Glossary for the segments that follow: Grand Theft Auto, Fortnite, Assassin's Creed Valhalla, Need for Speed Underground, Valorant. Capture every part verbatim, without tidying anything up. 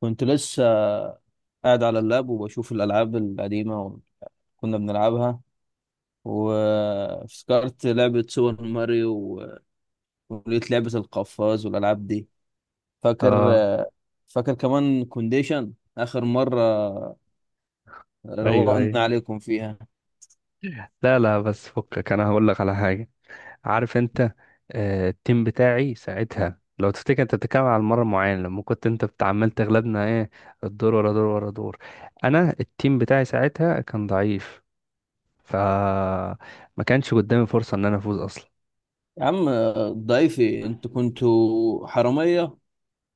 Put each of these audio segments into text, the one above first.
كنت لسه قاعد على اللاب وبشوف الألعاب القديمة اللي كنا بنلعبها، وافتكرت لعبة سوبر ماريو و- ولقيت لعبة القفاز والألعاب دي. فاكر؟ اه. فاكر كمان كونديشن آخر مرة ايوه، روقنا ايوه. عليكم فيها. لا، لا، بس فكك، انا هقول لك على حاجه. عارف انت، آه التيم بتاعي ساعتها، لو تفتكر، انت بتتكلم على المره معينه لما كنت انت بتعمل تغلبنا ايه؟ الدور ورا دور ورا دور. انا التيم بتاعي ساعتها كان ضعيف، ف ما كانش قدامي فرصه ان انا افوز اصلا. يا عم ضيفي، انتوا كنتوا حرامية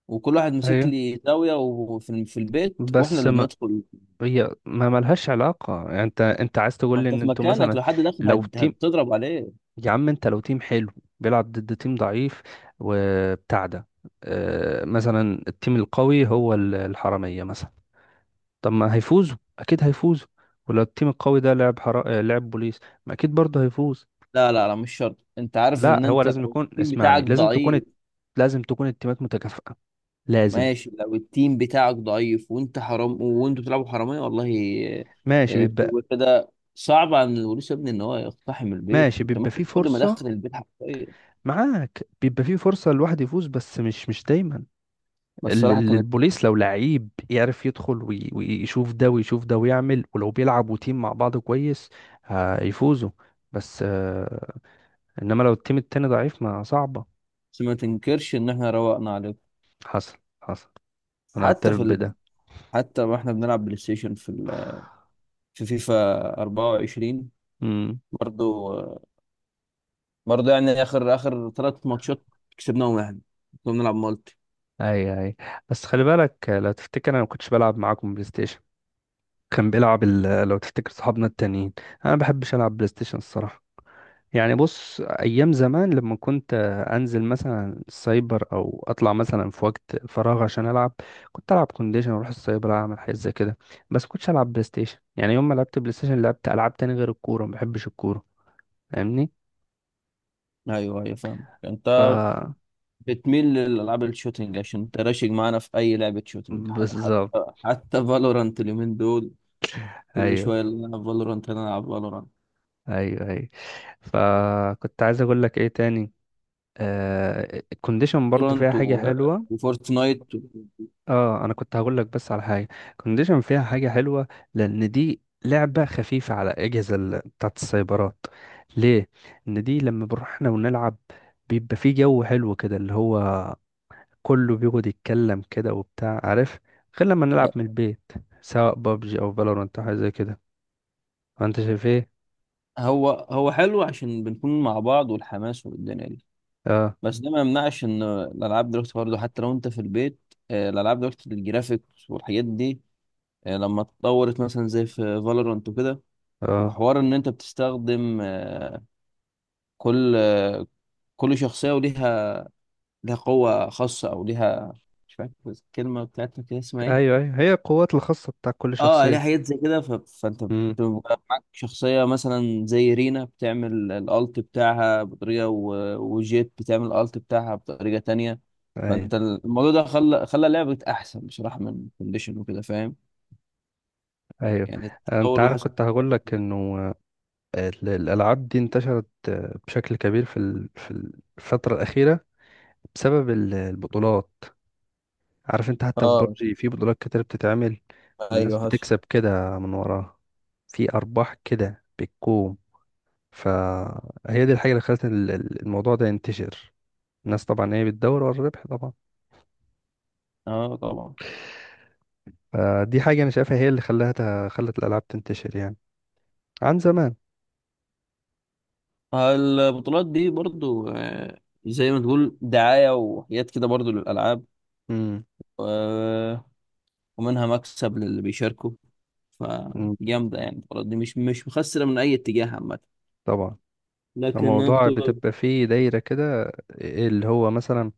وكل واحد مسك ايوه. لي زاوية، وفي في البيت واحنا بس اللي ما بندخل. هي ما ملهاش علاقه، يعني انت انت عايز تقول ما لي انت ان في انتوا مكانك، مثلا لو حد دخل لو هت- تيم هتضرب عليه. يا عم انت لو تيم حلو بيلعب ضد تيم ضعيف وبتاع ده. آه، مثلا التيم القوي هو ال- الحرامية مثلا. طب ما هيفوزوا، اكيد هيفوزوا. ولو التيم القوي ده لعب حرا... آه، لعب بوليس، ما اكيد برضه هيفوز. لا، لا، لا، مش شرط، انت عارف لا، ان هو انت لازم لو يكون، التيم اسمعني، بتاعك لازم تكون ضعيف. الت- لازم تكون التيمات متكافئة. لازم. ماشي، لو التيم بتاعك ضعيف وانت حرام وانتوا بتلعبوا حرامية، والله ماشي آه، بيبقى بتبقى كده صعب عن الوريث يا ابني ان هو يقتحم البيت. ماشي، انت بيبقى في مثلا كل ما فرصة دخل البيت حرفيا. معاك، بيبقى في فرصة الواحد يفوز، بس مش مش دايما. بس ال- الصراحة ال- كانت البوليس لو لعيب يعرف يدخل وي- ويشوف ده ويشوف ده ويعمل، ولو بيلعبوا تيم مع بعض كويس هيفوزوا. بس آه، انما لو التيم التاني ضعيف ما صعبة. بس ما تنكرش ان احنا روقنا عليكم، حصل حصل، انا حتى اعترف في ال... بده. حتى واحنا بنلعب بلاي ستيشن في ال... في فيفا أربعة وعشرين. امم. برضو آه، برضو يعني اخر اخر ثلاث ماتشات كسبناهم احنا. كنا بنلعب مالتي. اي، اي. بس خلي بالك، آه، لو تفتكر انا ما كنتش بلعب معاكم بلاي ستيشن، كان بيلعب ال- لو تفتكر صحابنا التانيين. انا ما بحبش العب بلاي ستيشن الصراحة. يعني بص، ايام زمان لما كنت انزل مثلا السايبر او اطلع مثلا في وقت فراغ عشان العب، كنت العب كونديشن واروح السايبر اعمل حاجات زي كده. بس كنتش العب بلاي ستيشن. يعني يوم ما لعبت بلاي ستيشن، لعبت العاب تاني غير الكوره، ما بحبش الكوره، فاهمني؟ ايوه، ايوه، فاهم انت. ف بتميل للألعاب الشوتينج عشان تراشق معانا في أي لعبة شوتينج، ح- بالظبط. حتى حتى فالورانت اليومين دول. كل ايوه، شوية نلعب فالورانت، نلعب فالورانت. ايوه، ايوه. فكنت عايز اقول لك ايه تاني؟ آه الكونديشن برضو فالورانت فيها حاجه و- حلوه. وفورتنايت و... اه، انا كنت هقول لك بس على حاجه، كونديشن فيها حاجه حلوه، لان دي لعبه خفيفه على اجهزه ال- بتاعت السايبرات. ليه؟ ان دي لما بنروح احنا ونلعب، بيبقى في جو حلو كده، اللي هو كله بيقعد يتكلم كده وبتاع، عارف؟ غير لما نلعب من البيت، سواء بابجي او فالورانت او حاجه زي كده. انت شايف ايه؟ هو هو حلو عشان بنكون مع بعض والحماس والدنيا دي. اه، بس ده ما يمنعش إن الألعاب دلوقتي برضه حتى لو أنت في البيت، آه، الألعاب دلوقتي الجرافيكس والحاجات دي آه، لما اتطورت مثلا زي في فالورانت وكده، اه. وحوار إن أنت بتستخدم آه، كل آه، كل شخصية وليها لها قوة خاصة، أو ليها... مش فاكر الكلمة بتاعتها كده، اسمها إيه؟ ايوه، ايوه، هي القوات الخاصه بتاع كل آه ليها شخصيه. حاجات زي كده، ف... فأنت امم. بتبقى معاك شخصية مثلا زي رينا بتعمل الألت بتاعها بطريقة، و... وجيت بتعمل الألت بتاعها بطريقة تانية. ايوه، فأنت الموضوع ده خلى خلى لعبة أحسن بصراحة من كونديشن وكده، فاهم؟ ايوه. يعني انت التطور اللي عارف حصل. كنت هقول لك انه ال- الألعاب دي انتشرت آه، بشكل كبير في ال- في الفترة الأخيرة، بسبب ال- البطولات. عارف انت، حتى في آه، ببجي في بطولات كتير بتتعمل، والناس أيوه حصل. بتكسب كده من وراها، في أرباح كده بتكون. فهي دي الحاجة اللي خلت ال- ال- الموضوع ده ينتشر. الناس طبعا هي بتدور ورا الربح طبعا. آه، طبعا. فدي حاجة أنا شايفها هي اللي خلاها ت- خلت الألعاب تنتشر، يعني عن زمان. البطولات دي برضو آه، زي ما تقول دعاية وحاجات كده برضو للألعاب، مم. آه، ومنها مكسب للي بيشاركوا. مم. فجامدة يعني، المباراة دي مش مش مخسرة من أي اتجاه عامة. طبعا. لكن أنا كنت الموضوع ب- بتبقى فيه دايرة كده، إيه اللي هو مثلا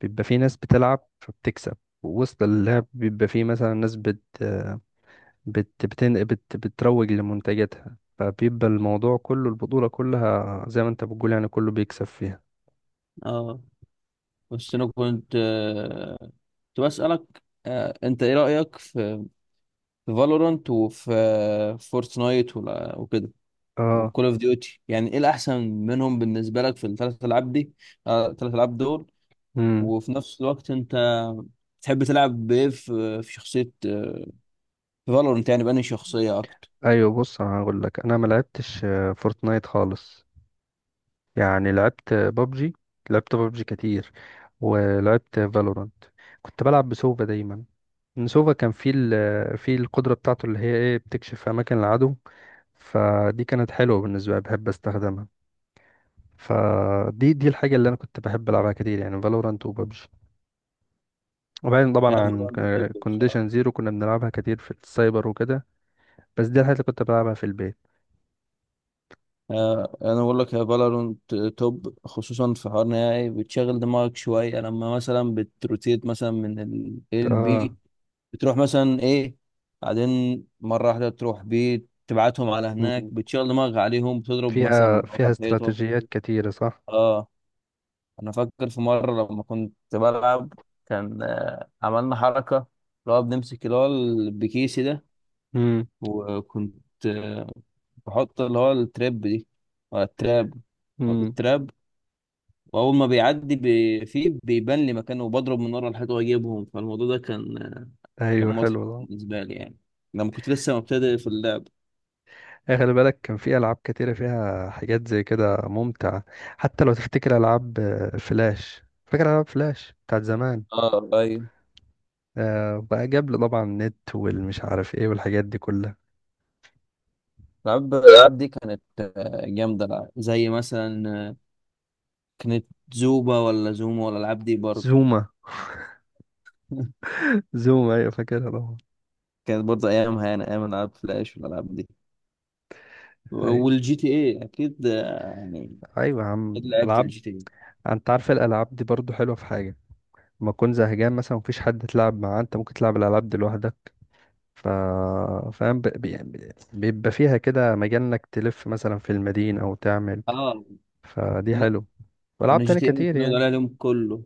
بيبقى في ناس بتلعب فبتكسب، ووسط اللعب بيبقى في مثلا ناس بت بت بتن... بت... بتروج لمنتجاتها. فبيبقى الموضوع كله، البطولة كلها زي ما انت بتقول، يعني كله بيكسب فيها. آه بس أنا كنت آه كنت بسألك، آه أنت إيه رأيك في في فالورانت، وفي آه، فورتنايت ولا- وكده، اه. وكول أوف ديوتي. يعني إيه الأحسن منهم بالنسبة لك في الثلاث ألعاب دي؟ آه، الثلاث ألعاب دول امم. وفي نفس الوقت أنت تحب تلعب بإيه في في شخصية، آه، في فالورانت؟ يعني بأنهي شخصية أكتر؟ ايوه بص، انا هقول لك انا ما لعبتش آه، فورتنايت خالص، يعني لعبت بابجي، لعبت بابجي كتير، ولعبت فالورانت. كنت بلعب بسوفا دايما. إن سوفا كان فيه ال... فيه القدرة بتاعته اللي هي ايه، بتكشف اماكن العدو. فدي كانت حلوة بالنسبة لي، بحب استخدمها. فدي دي الحاجة اللي انا كنت بحب العبها كتير، يعني فالورانت وببجي. وبعدين طبعا هي عن فالورانت توب بصراحة. كونديشن زيرو كنا بنلعبها كتير في السايبر وكده، بس دي الحاجة اللي كنت بلعبها في البيت. آه، انا بقول لك يا فالورانت توب، خصوصا في حوار نهائي بتشغل دماغك شويه لما مثلا بتروتيت مثلا من ال A ل B. اه. بتروح مثلا ايه، بعدين مره واحده تروح بي تبعتهم على هناك، مم. بتشغل دماغك عليهم، بتضرب مثلا فيها من ورا فيها الحيطه. استراتيجيات كتيرة، صح. اه، انا فاكر في مره لما كنت بلعب، كان آه، عملنا حركه اللي هو بنمسك اللي هو البكيسي ده، امم. وكنت آه، بحط اللي هو التراب دي، ولا التراب، بحط امم. التراب. واول ما بيعدي بي... فيه بيبان لي مكانه، وبضرب من ورا الحيط واجيبهم، فالموضوع ده كان كان ايوه، مضحك حلو ده. بالنسبه لي يعني، لما كنت لسه مبتدئ في اللعب. إيه، خلي بالك كان في العاب كتيرة فيها حاجات زي كده ممتعة، حتى لو تفتكر العاب آه، فلاش، فاكر العاب فلاش بتاعت زمان؟ اه، ايوه. آه بقى جاب لي طبعا النت والمش عارف ايه والحاجات دي كلها. العاب الالعاب دي كانت آه، جامده، لا. زي مثلا آه، كانت زوبا، ولا زوما، ولا الالعاب دي برضه. زوما. زوما، ايوه فاكرها طبعا. كانت برضه ايامها يعني، ايام العاب فلاش والالعاب دي، ايوه، والجي تي اي اكيد آه، يعني. ايوه يا عم، اكيد لعبت العاب. الجي تي اي. انت عارف الالعاب دي برضو حلوه في حاجه، لما تكون زهقان مثلا مفيش حد تلعب معاه، انت ممكن تلعب الالعاب دي لوحدك. ف فاهم؟ ب... ب- يعني بيبقى فيها كده مجال انك تلف مثلا في المدينه او تعمل. اه، فدي انا حلو. انا والعاب جي تاني تي اي كتير ممكن اقعد يعني. عليها اليوم كله.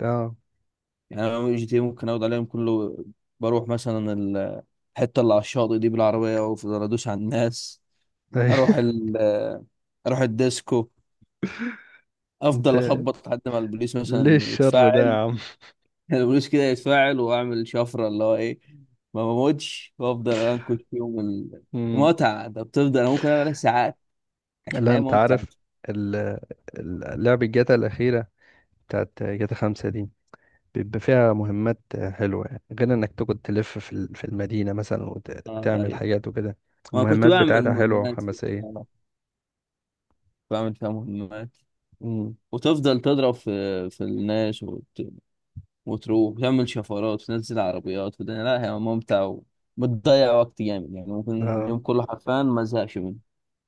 اه. يعني انا جي تي اي ممكن اقعد عليها اليوم كله. بروح مثلا الحته اللي على الشاطئ دي بالعربيه وافضل ادوس على الناس، أيوة. اروح ال آه، اروح الديسكو، افضل انت، اخبط لحد ما البوليس ليه مثلا الشر ده يا يتفاعل. عم؟ البوليس كده يتفاعل واعمل شفره اللي هو ايه، ما بموتش، وافضل انكش فيهم ال- مم. متعه، ده بتفضل انا ممكن اعملها ساعات عشان لا، هي انت ممتعه. عارف ال- ال- لعبة جاتا الأخيرة، بتاعت جاتا خمسة دي، بيبقى فيها مهمات حلوة، يعني غير انك تقعد تلف في ال- في المدينة مثلا آه، وتعمل أيوة. حاجات وكده. ما كنت المهمات بعمل بتاعتها حلوة مهمات فيها، وحماسية. آه، بعمل فيها مهمات، امم. وتفضل تضرب في في الناس، وتروح وتعمل شفرات وتنزل عربيات وده، لا هي ممتع، وبتضيع وقت جامد يعني، ممكن اه، اليوم كله حرفيا ما زهقش منه.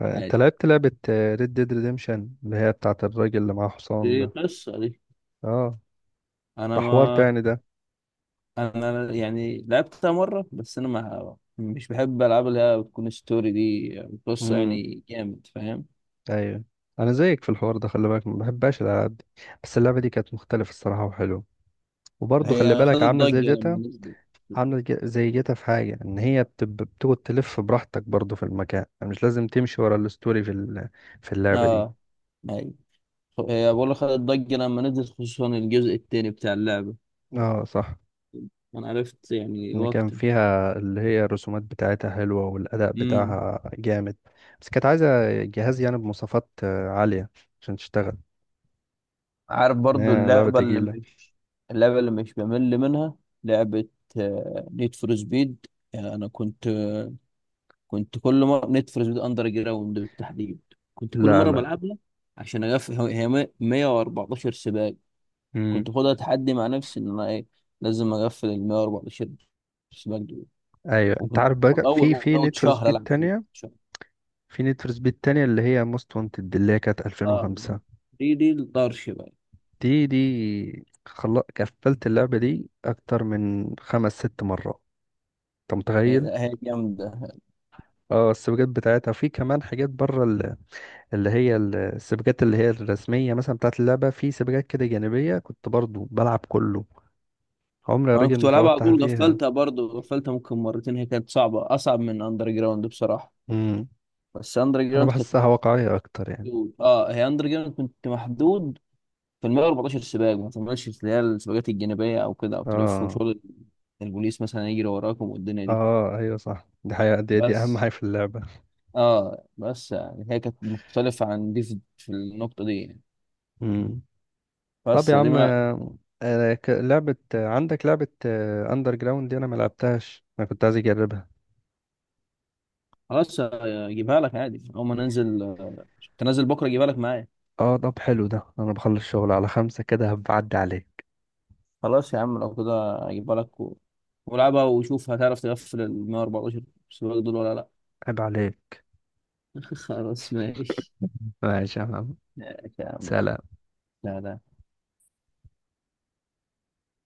انت عادي، لعبت لعبة ريد ديد ريديمشن اللي هي بتاعت الراجل اللي معاه دي حصان ده؟ قصة دي. اه، أنا ده حوار ما تاني ده. أنا يعني لعبتها مرة، بس أنا ما مش بحب ألعاب اللي هي بتكون ستوري دي، يعني قصة، امم. يعني جامد، فاهم. ايوه. انا زيك في الحوار ده خلي بالك، ما بحبهاش الالعاب دي، بس اللعبة دي كانت مختلفة الصراحة وحلوة، وبرضه خلي هي بالك خدت عاملة زي ضجة لما جاتا، نزلت. عاملة ج- زي جيتا. في حاجة إن هي بتب- بتقعد تلف براحتك برضو في المكان، مش لازم تمشي ورا الستوري في ال- في اللعبة دي. اه، هي هي بقول لك خدت ضجة لما نزلت، خصوصا الجزء التاني بتاع اللعبة. اه، صح. أنا عرفت يعني إن كان وقتها. فيها اللي هي الرسومات بتاعتها حلوة والأداء بتاعها جامد، بس كانت عايزة جهاز يعني بمواصفات آه، عالية عشان تشتغل. عارف برضو إيه، لعبة اللعبة اللي تقيلة. مش اللعبة اللي مش بمل منها، لعبة نيد فور سبيد. أنا كنت آه، كنت كل مرة، نيد فور سبيد أندر جراوند بالتحديد، كنت كل لا، مرة لا. بلعبها عشان أقفل هو- هي مية- 114 سباق. امم. كنت خدها تحدي مع نفسي، إن أنا إيه لازم أقفل ال مية وأربعتاشر سباق دول. أيوة. أنت وكنت عارف كنت بقى أول، في من في أول نيد فور شهر سبيد ألعب فيه تانية، شهر. في نيد فور سبيد تانية اللي هي موست وانتد، اللي هي كانت آه، ألفين وخمسة. دي دي الطرش بقى. دي دي خل... قفلت اللعبة دي أكتر من خمس ست مرات. أنت متخيل؟ هي هي جامدة. اه، السباقات بتاعتها في كمان حاجات بره ال- اللي هي ال- السباقات اللي هي الرسمية مثلا بتاعت اللعبة، في سباقات كده جانبية كنت برضو بلعب كله. عمري يا انا راجل كنت ما بلعبها على فوتها طول، فيها. غفلتها برضه، غفلتها ممكن مرتين، هي كانت صعبه، اصعب من اندر جراوند بصراحه. امم. بس اندر أنا جراوند كانت بحسها واقعية أكتر يعني. محدود. اه، هي اندر جراوند كنت محدود في ال مية وأربعتاشر سباق، ما تعملش اللي هي السباقات الجانبيه او كده، او تلف اه. وشغل البوليس مثلا يجري وراكم والدنيا دي. اه، أيوة صح، دي حقيقة، دي, دي أهم بس حاجة في اللعبة. اه بس يعني هي كانت مختلفه عن دي في في النقطه دي يعني. امم. طب بس يا دي عم، من آه، آه، ك- لعبة، آه، عندك لعبة أندر جراوند دي، أنا ملعبتهاش، أنا كنت عايز أجربها. خلاص، آه، اجيبها لك عادي اول ما ننزل، آه، تنزل بكره اجيبها لك معايا. اه، طب حلو ده، أنا بخلص شغل على خمسة كده هبعدي عليك. خلاص يا عم، لو كده اجيبها لك و... ولعبها، وشوف هتعرف تقفل ال مية وأربعتاشر سباق دول ولا لا. عيب عليك. خلاص، ماشي. ماشي يا عم. ماشي، يا عم، يلا. سلام. لا، لا